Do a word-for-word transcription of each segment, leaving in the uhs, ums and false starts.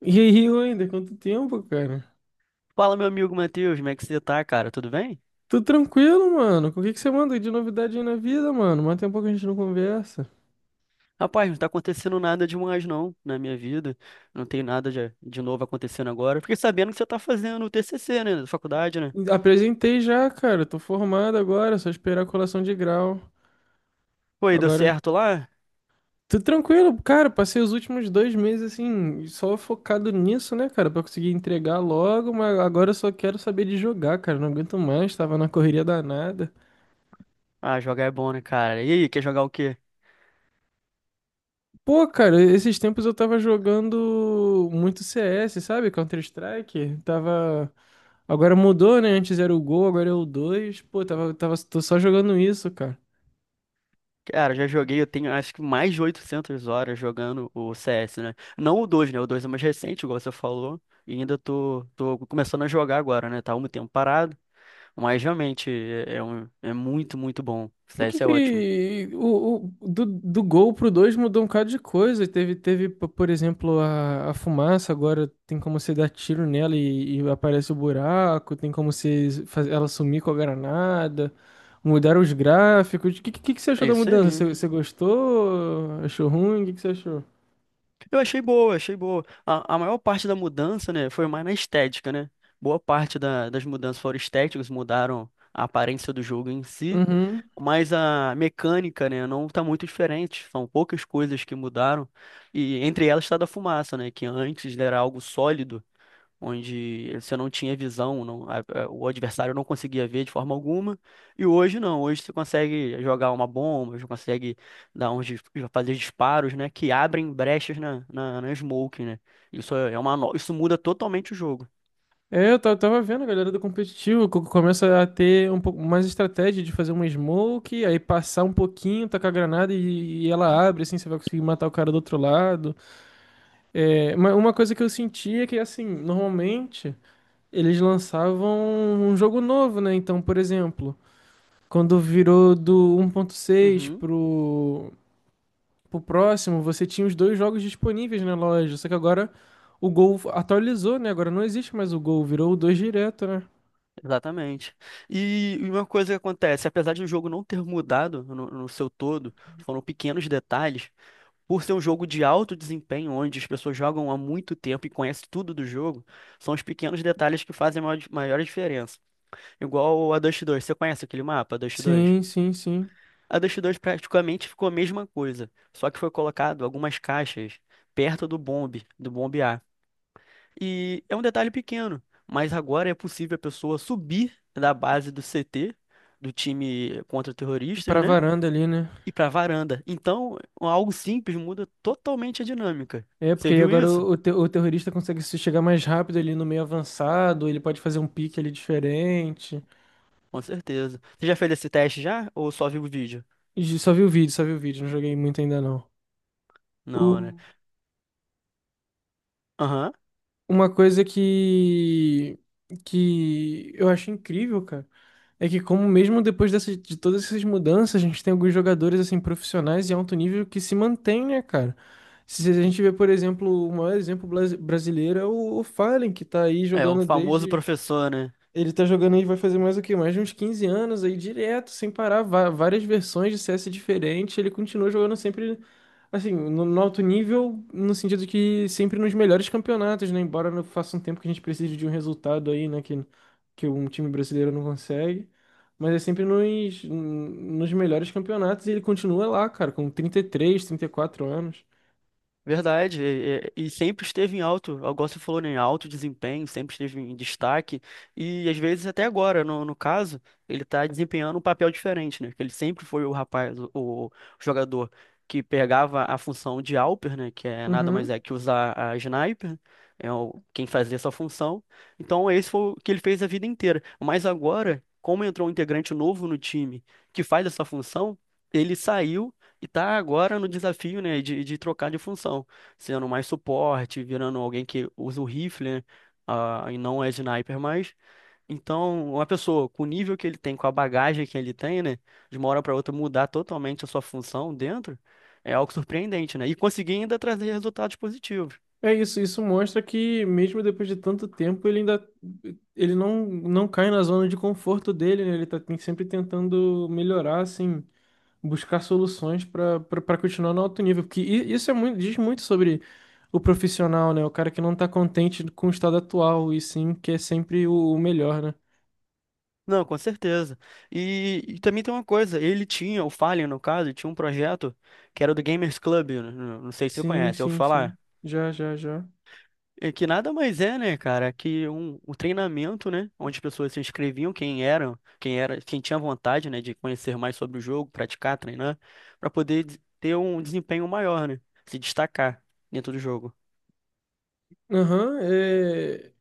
E aí, Wender, quanto tempo, cara? Fala, meu amigo Matheus, como é que você tá, cara? Tudo bem? Tô tranquilo, mano. O que que você manda aí de novidade aí na vida, mano? Mas tem um pouco que a gente não conversa. Rapaz, não tá acontecendo nada demais, não, na minha vida. Não tem nada de, de novo acontecendo agora. Fiquei sabendo que você tá fazendo o T C C, né? Da faculdade, né? Apresentei já, cara. Tô formado agora, é só esperar a colação de grau. Pô, e deu Agora, certo lá? tô tranquilo, cara. Passei os últimos dois meses, assim, só focado nisso, né, cara? Pra conseguir entregar logo, mas agora eu só quero saber de jogar, cara. Não aguento mais, tava na correria danada. Ah, jogar é bom, né, cara? E aí, quer jogar o quê? Pô, cara, esses tempos eu tava jogando muito C S, sabe? Counter-Strike. Tava. Agora mudou, né? Antes era o Gol, agora é o dois. Pô, tava, tava, tô só jogando isso, cara. Cara, já joguei, eu tenho acho que mais de oitocentas horas jogando o C S, né? Não o dois, né? O dois é mais recente, igual você falou. E ainda tô, tô começando a jogar agora, né? Tá um tempo parado. Mas realmente é, é um, é muito, muito bom. O O que C S é ótimo. que o, o- do, do Gol pro dois mudou um bocado de coisa. Teve, teve, p- por exemplo, a, a fumaça, agora tem como você dar tiro nela e, e aparece o buraco, tem como você fazer ela sumir com a granada. Mudaram os gráficos. O que, que, que você achou É da isso mudança? Você, aí. você gostou? Achou ruim? O que, que você achou? Eu achei boa, achei boa. A, a maior parte da mudança, né, foi mais na estética, né? Boa parte da- das mudanças foram estéticas, mudaram a aparência do jogo em si, mas a mecânica, né, não tá muito diferente. São poucas coisas que mudaram, e entre elas está da fumaça, né, que antes era algo sólido onde você não tinha visão, não- a- a- o adversário não conseguia ver de forma alguma, e hoje não, hoje você consegue jogar uma bomba, você consegue dar uns, dis- fazer disparos, né, que abrem brechas na, na, na smoke, né? Isso é é uma, no- Isso muda totalmente o jogo. É, eu ta- tava vendo a galera do competitivo, co- começa a ter um pouco mais estratégia de fazer uma smoke, aí passar um pouquinho, tacar a granada e, e ela abre, assim, você vai conseguir matar o cara do outro lado. É, uma, uma coisa que eu sentia é que, assim, normalmente eles lançavam um jogo novo, né? Então, por exemplo, quando virou do um ponto seis Uhum, pro, pro próximo, você tinha os dois jogos disponíveis na loja, só que agora o Gol atualizou, né? Agora não existe mais o Gol, virou o dois direto, né? exatamente. E e uma coisa que acontece, apesar de o jogo não ter mudado no, no seu todo, foram pequenos detalhes. Por ser um jogo de alto desempenho, onde as pessoas jogam há muito tempo e conhecem tudo do jogo, são os pequenos detalhes que fazem a maior, maior diferença. Igual a Dust dois, você conhece aquele mapa, a Dust dois? Sim, sim, sim. A Dust dois praticamente ficou a mesma coisa, só que foi colocado algumas caixas perto do bombe, do bombe A. E é um detalhe pequeno, mas agora é possível a pessoa subir da base do C T, do time contra terroristas, Pra né? varanda ali, né? E para varanda. Então, algo simples muda totalmente a dinâmica. É, Você porque aí viu agora isso? o, o, te- o terrorista consegue se chegar mais rápido ali no meio avançado, ele pode fazer um pique ali diferente. Com certeza. Você já fez esse teste já? Ou só viu o vídeo? E só vi o vídeo, só vi o vídeo, não joguei muito ainda não. Não, né? O- Aham. uma coisa que, que eu acho incrível, cara, é que como mesmo depois dessa de todas essas mudanças, a gente tem alguns jogadores, assim, profissionais e alto nível que se mantém, né, cara? Se a gente vê, por exemplo, o maior exemplo blas- brasileiro é o, o Fallen, que tá aí É, o jogando famoso desde. professor, né? Ele tá jogando aí, vai fazer mais o quê? Mais de uns quinze anos aí, direto, sem parar, va- várias versões de C S diferentes. Ele continua jogando sempre, assim, no, no alto nível, no sentido que sempre nos melhores campeonatos, né? Embora não faça um tempo que a gente precise de um resultado aí, né? Que, que um time brasileiro não consegue. Mas é sempre nos, nos melhores campeonatos e ele continua lá, cara, com trinta trinta e três, trinta e quatro anos. Verdade, e, e- e sempre esteve em alto, igual você falou, né, em alto desempenho, sempre esteve em destaque, e às vezes até agora, no, no caso, ele está desempenhando um papel diferente, né? Que ele sempre foi o rapaz, o, o jogador que pegava a função de Alper, né? Que é nada mais Uhum. é que usar a sniper, é o, quem fazia essa função. Então esse foi o que ele fez a vida inteira. Mas agora, como entrou um integrante novo no time que faz essa função, ele saiu e tá agora no desafio, né, de, de trocar de função, sendo mais suporte, virando alguém que usa o rifle, né, ah, e não é sniper mais. Então, uma pessoa com o nível que ele tem, com a bagagem que ele tem, né, de uma hora para outra mudar totalmente a sua função dentro, é algo surpreendente, né? E conseguir ainda trazer resultados positivos. É isso, isso mostra que mesmo depois de tanto tempo, ele ainda ele não, não cai na zona de conforto dele, né? Ele tá tem- sempre tentando melhorar, assim, buscar soluções para para continuar no alto nível, porque i- isso é muito, diz muito sobre o profissional, né? O cara que não tá contente com o estado atual e sim quer sempre o, o melhor, né? Não, com certeza. E, e também tem uma coisa, ele tinha, o Fallen no caso, tinha um projeto que era do Gamers Club, né, não não sei se você Sim, conhece, eu sim, sim. falar. Já, já, já. É que nada mais é, né, cara, que um, um treinamento, né, onde as pessoas se inscreviam, quem eram, quem era, quem tinha vontade, né, de conhecer mais sobre o jogo, praticar, treinar, para poder des- ter um desempenho maior, né, se destacar dentro do jogo. Aham. é...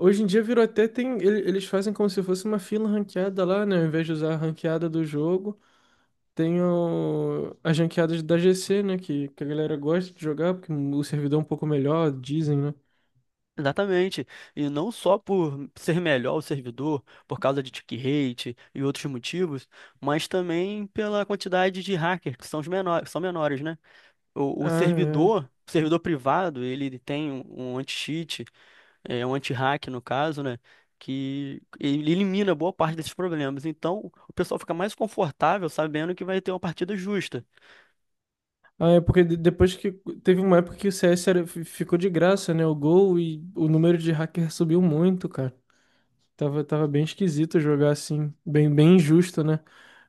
Hoje em dia virou até tem. ele- Eles fazem como se fosse uma fila ranqueada lá, né? Ao invés de usar a ranqueada do jogo. Tem o- as ranqueadas da G C, né? Que, que a galera gosta de jogar, porque o servidor é um pouco melhor, dizem, né? Exatamente. E não só por ser melhor o servidor, por causa de tick rate e outros motivos, mas também pela quantidade de hackers, que são os menores, são menores, né? O, o Ah, é. servidor, o servidor privado, ele tem um, um anti-cheat, é é um anti-hack no caso, né? Que ele elimina boa parte desses problemas. Então, o pessoal fica mais confortável sabendo que vai ter uma partida justa. Ah, é porque de- depois que. Teve uma época que o C S era- fi- ficou de graça, né? O Gol e o número de hacker subiu muito, cara. Tava, tava bem esquisito jogar assim. Bem, bem injusto, né?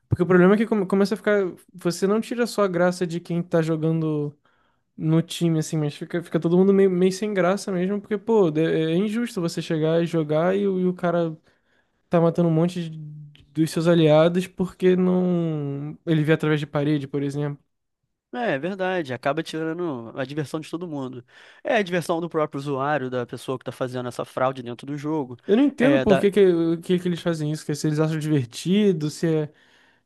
Porque o problema é que come- começa a ficar. Você não tira só a graça de quem tá jogando no time, assim, mas fica, fica todo mundo meio, meio sem graça mesmo, porque, pô, de- é é injusto você chegar e jogar e, o e o cara tá matando um monte de- dos seus aliados porque não. Ele vê através de parede, por exemplo. É, é verdade, acaba tirando a diversão de todo mundo. É a diversão do próprio usuário, da pessoa que está fazendo essa fraude dentro do jogo. Eu não entendo É, por da... que que, o que, que eles fazem isso, que se eles acham divertido, se é,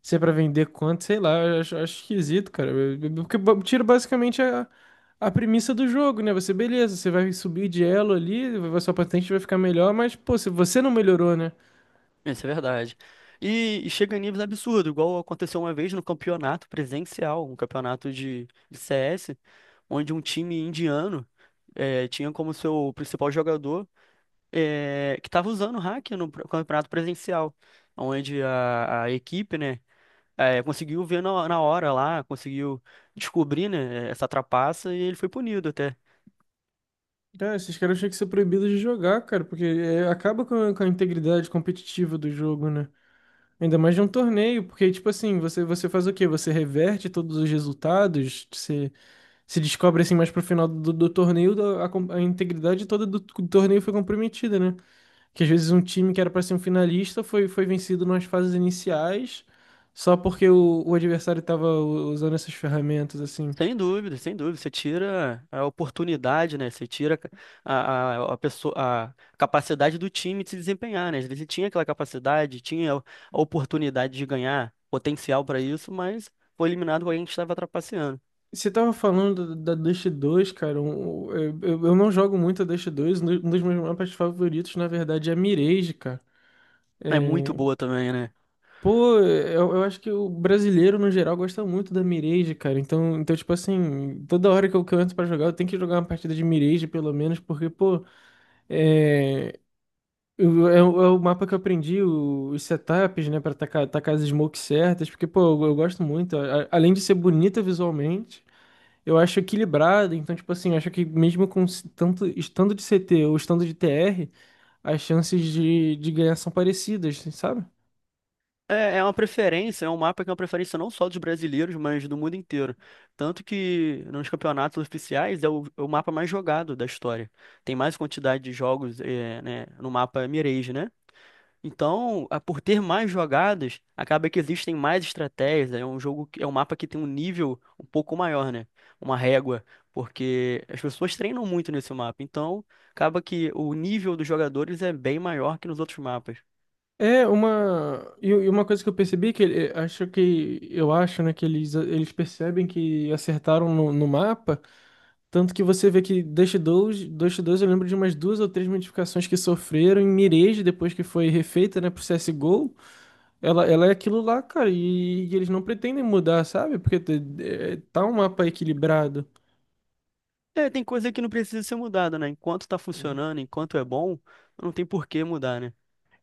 se é pra vender quanto, sei lá, eu acho, acho esquisito, cara. Eu- eu- Porque ba- tira basicamente a, a premissa do jogo, né? Você, beleza, você vai subir de elo ali, a sua patente vai ficar melhor, mas, pô, se você não melhorou, né? Isso é verdade. E, e chega em níveis absurdos, igual aconteceu uma vez no campeonato presencial, um campeonato de, de C S, onde um time indiano eh, tinha como seu principal jogador, é, que estava usando o hack no pro- campeonato presencial, onde a, a equipe, né, é, conseguiu ver na, na hora lá, conseguiu descobrir, né, essa trapaça e ele foi punido até. Ah, esses caras tinham que ser proibidos de jogar, cara, porque é, acaba com a, com a integridade competitiva do jogo, né? Ainda mais de um torneio, porque, tipo assim, você, você faz o quê? Você reverte todos os resultados, você se descobre, assim, mais pro final do, do torneio, da- a, com- a integridade toda do, do torneio foi comprometida, né? Que às vezes um time que era pra ser um finalista foi, foi vencido nas fases iniciais, só porque o, o adversário tava u- usando essas ferramentas, assim. Sem dúvida, sem dúvida. Você tira a oportunidade, né? Você tira a, a, a pessoa, a capacidade do time de se desempenhar, né? Às vezes ele tinha aquela capacidade, tinha a oportunidade de ganhar, potencial para isso, mas foi eliminado por alguém que estava trapaceando. Você tava falando da, da Dust dois, cara, um- um, eu, eu eu não jogo muito a Dust dois, um dos um dos meus mapas favoritos, na verdade, é a Mirage, cara. É muito É, boa também, né? Pô, eu, eu acho que o brasileiro, no geral, gosta muito da Mirage, cara. Então, então tipo assim, toda hora que eu, que eu entro pra jogar, eu tenho que jogar uma partida de Mirage, pelo menos, porque, pô, é, eu- é, o é o mapa que eu aprendi, o- os setups, né, pra tacar, tacar as smokes certas, porque, pô, eu, eu gosto muito. A- a- além de ser bonita visualmente, eu acho equilibrado. Então, tipo assim, eu acho que mesmo com s- tanto estando de C T ou estando de T R, as chances de, de ganhar são parecidas, sabe? É, é uma preferência, é um mapa que é uma preferência não só dos brasileiros, mas do mundo inteiro. Tanto que nos campeonatos oficiais é o, é o mapa mais jogado da história. Tem mais quantidade de jogos, é, né, no mapa Mirage, né? Então, a- por ter mais jogadas, acaba que existem mais estratégias. É um jogo, que- é um mapa que tem um nível um pouco maior, né? Uma régua, porque as pessoas treinam muito nesse mapa. Então, acaba que o nível dos jogadores é bem maior que nos outros mapas. É uma e e uma coisa que eu percebi que ele- acho que eu acho, né, que eles eles percebem que acertaram no, no mapa, tanto que você vê que Dust dois, Dust dois eu lembro de umas duas ou três modificações que sofreram em Mirage depois que foi refeita, né, pro C S G O, ela ela é aquilo lá, cara, e, e eles não pretendem mudar, sabe? Porque te- é, tá um mapa equilibrado. É, tem coisa que não precisa ser mudada, né? Enquanto tá funcionando, enquanto é bom, não tem por que mudar, né?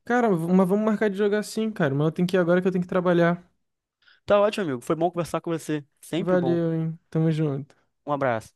Cara, mas vamos marcar de jogar sim, cara, mas eu tenho que ir agora que eu tenho que trabalhar. Tá ótimo, amigo. Foi bom conversar com você. Sempre bom. Valeu, hein. Tamo junto. Um abraço.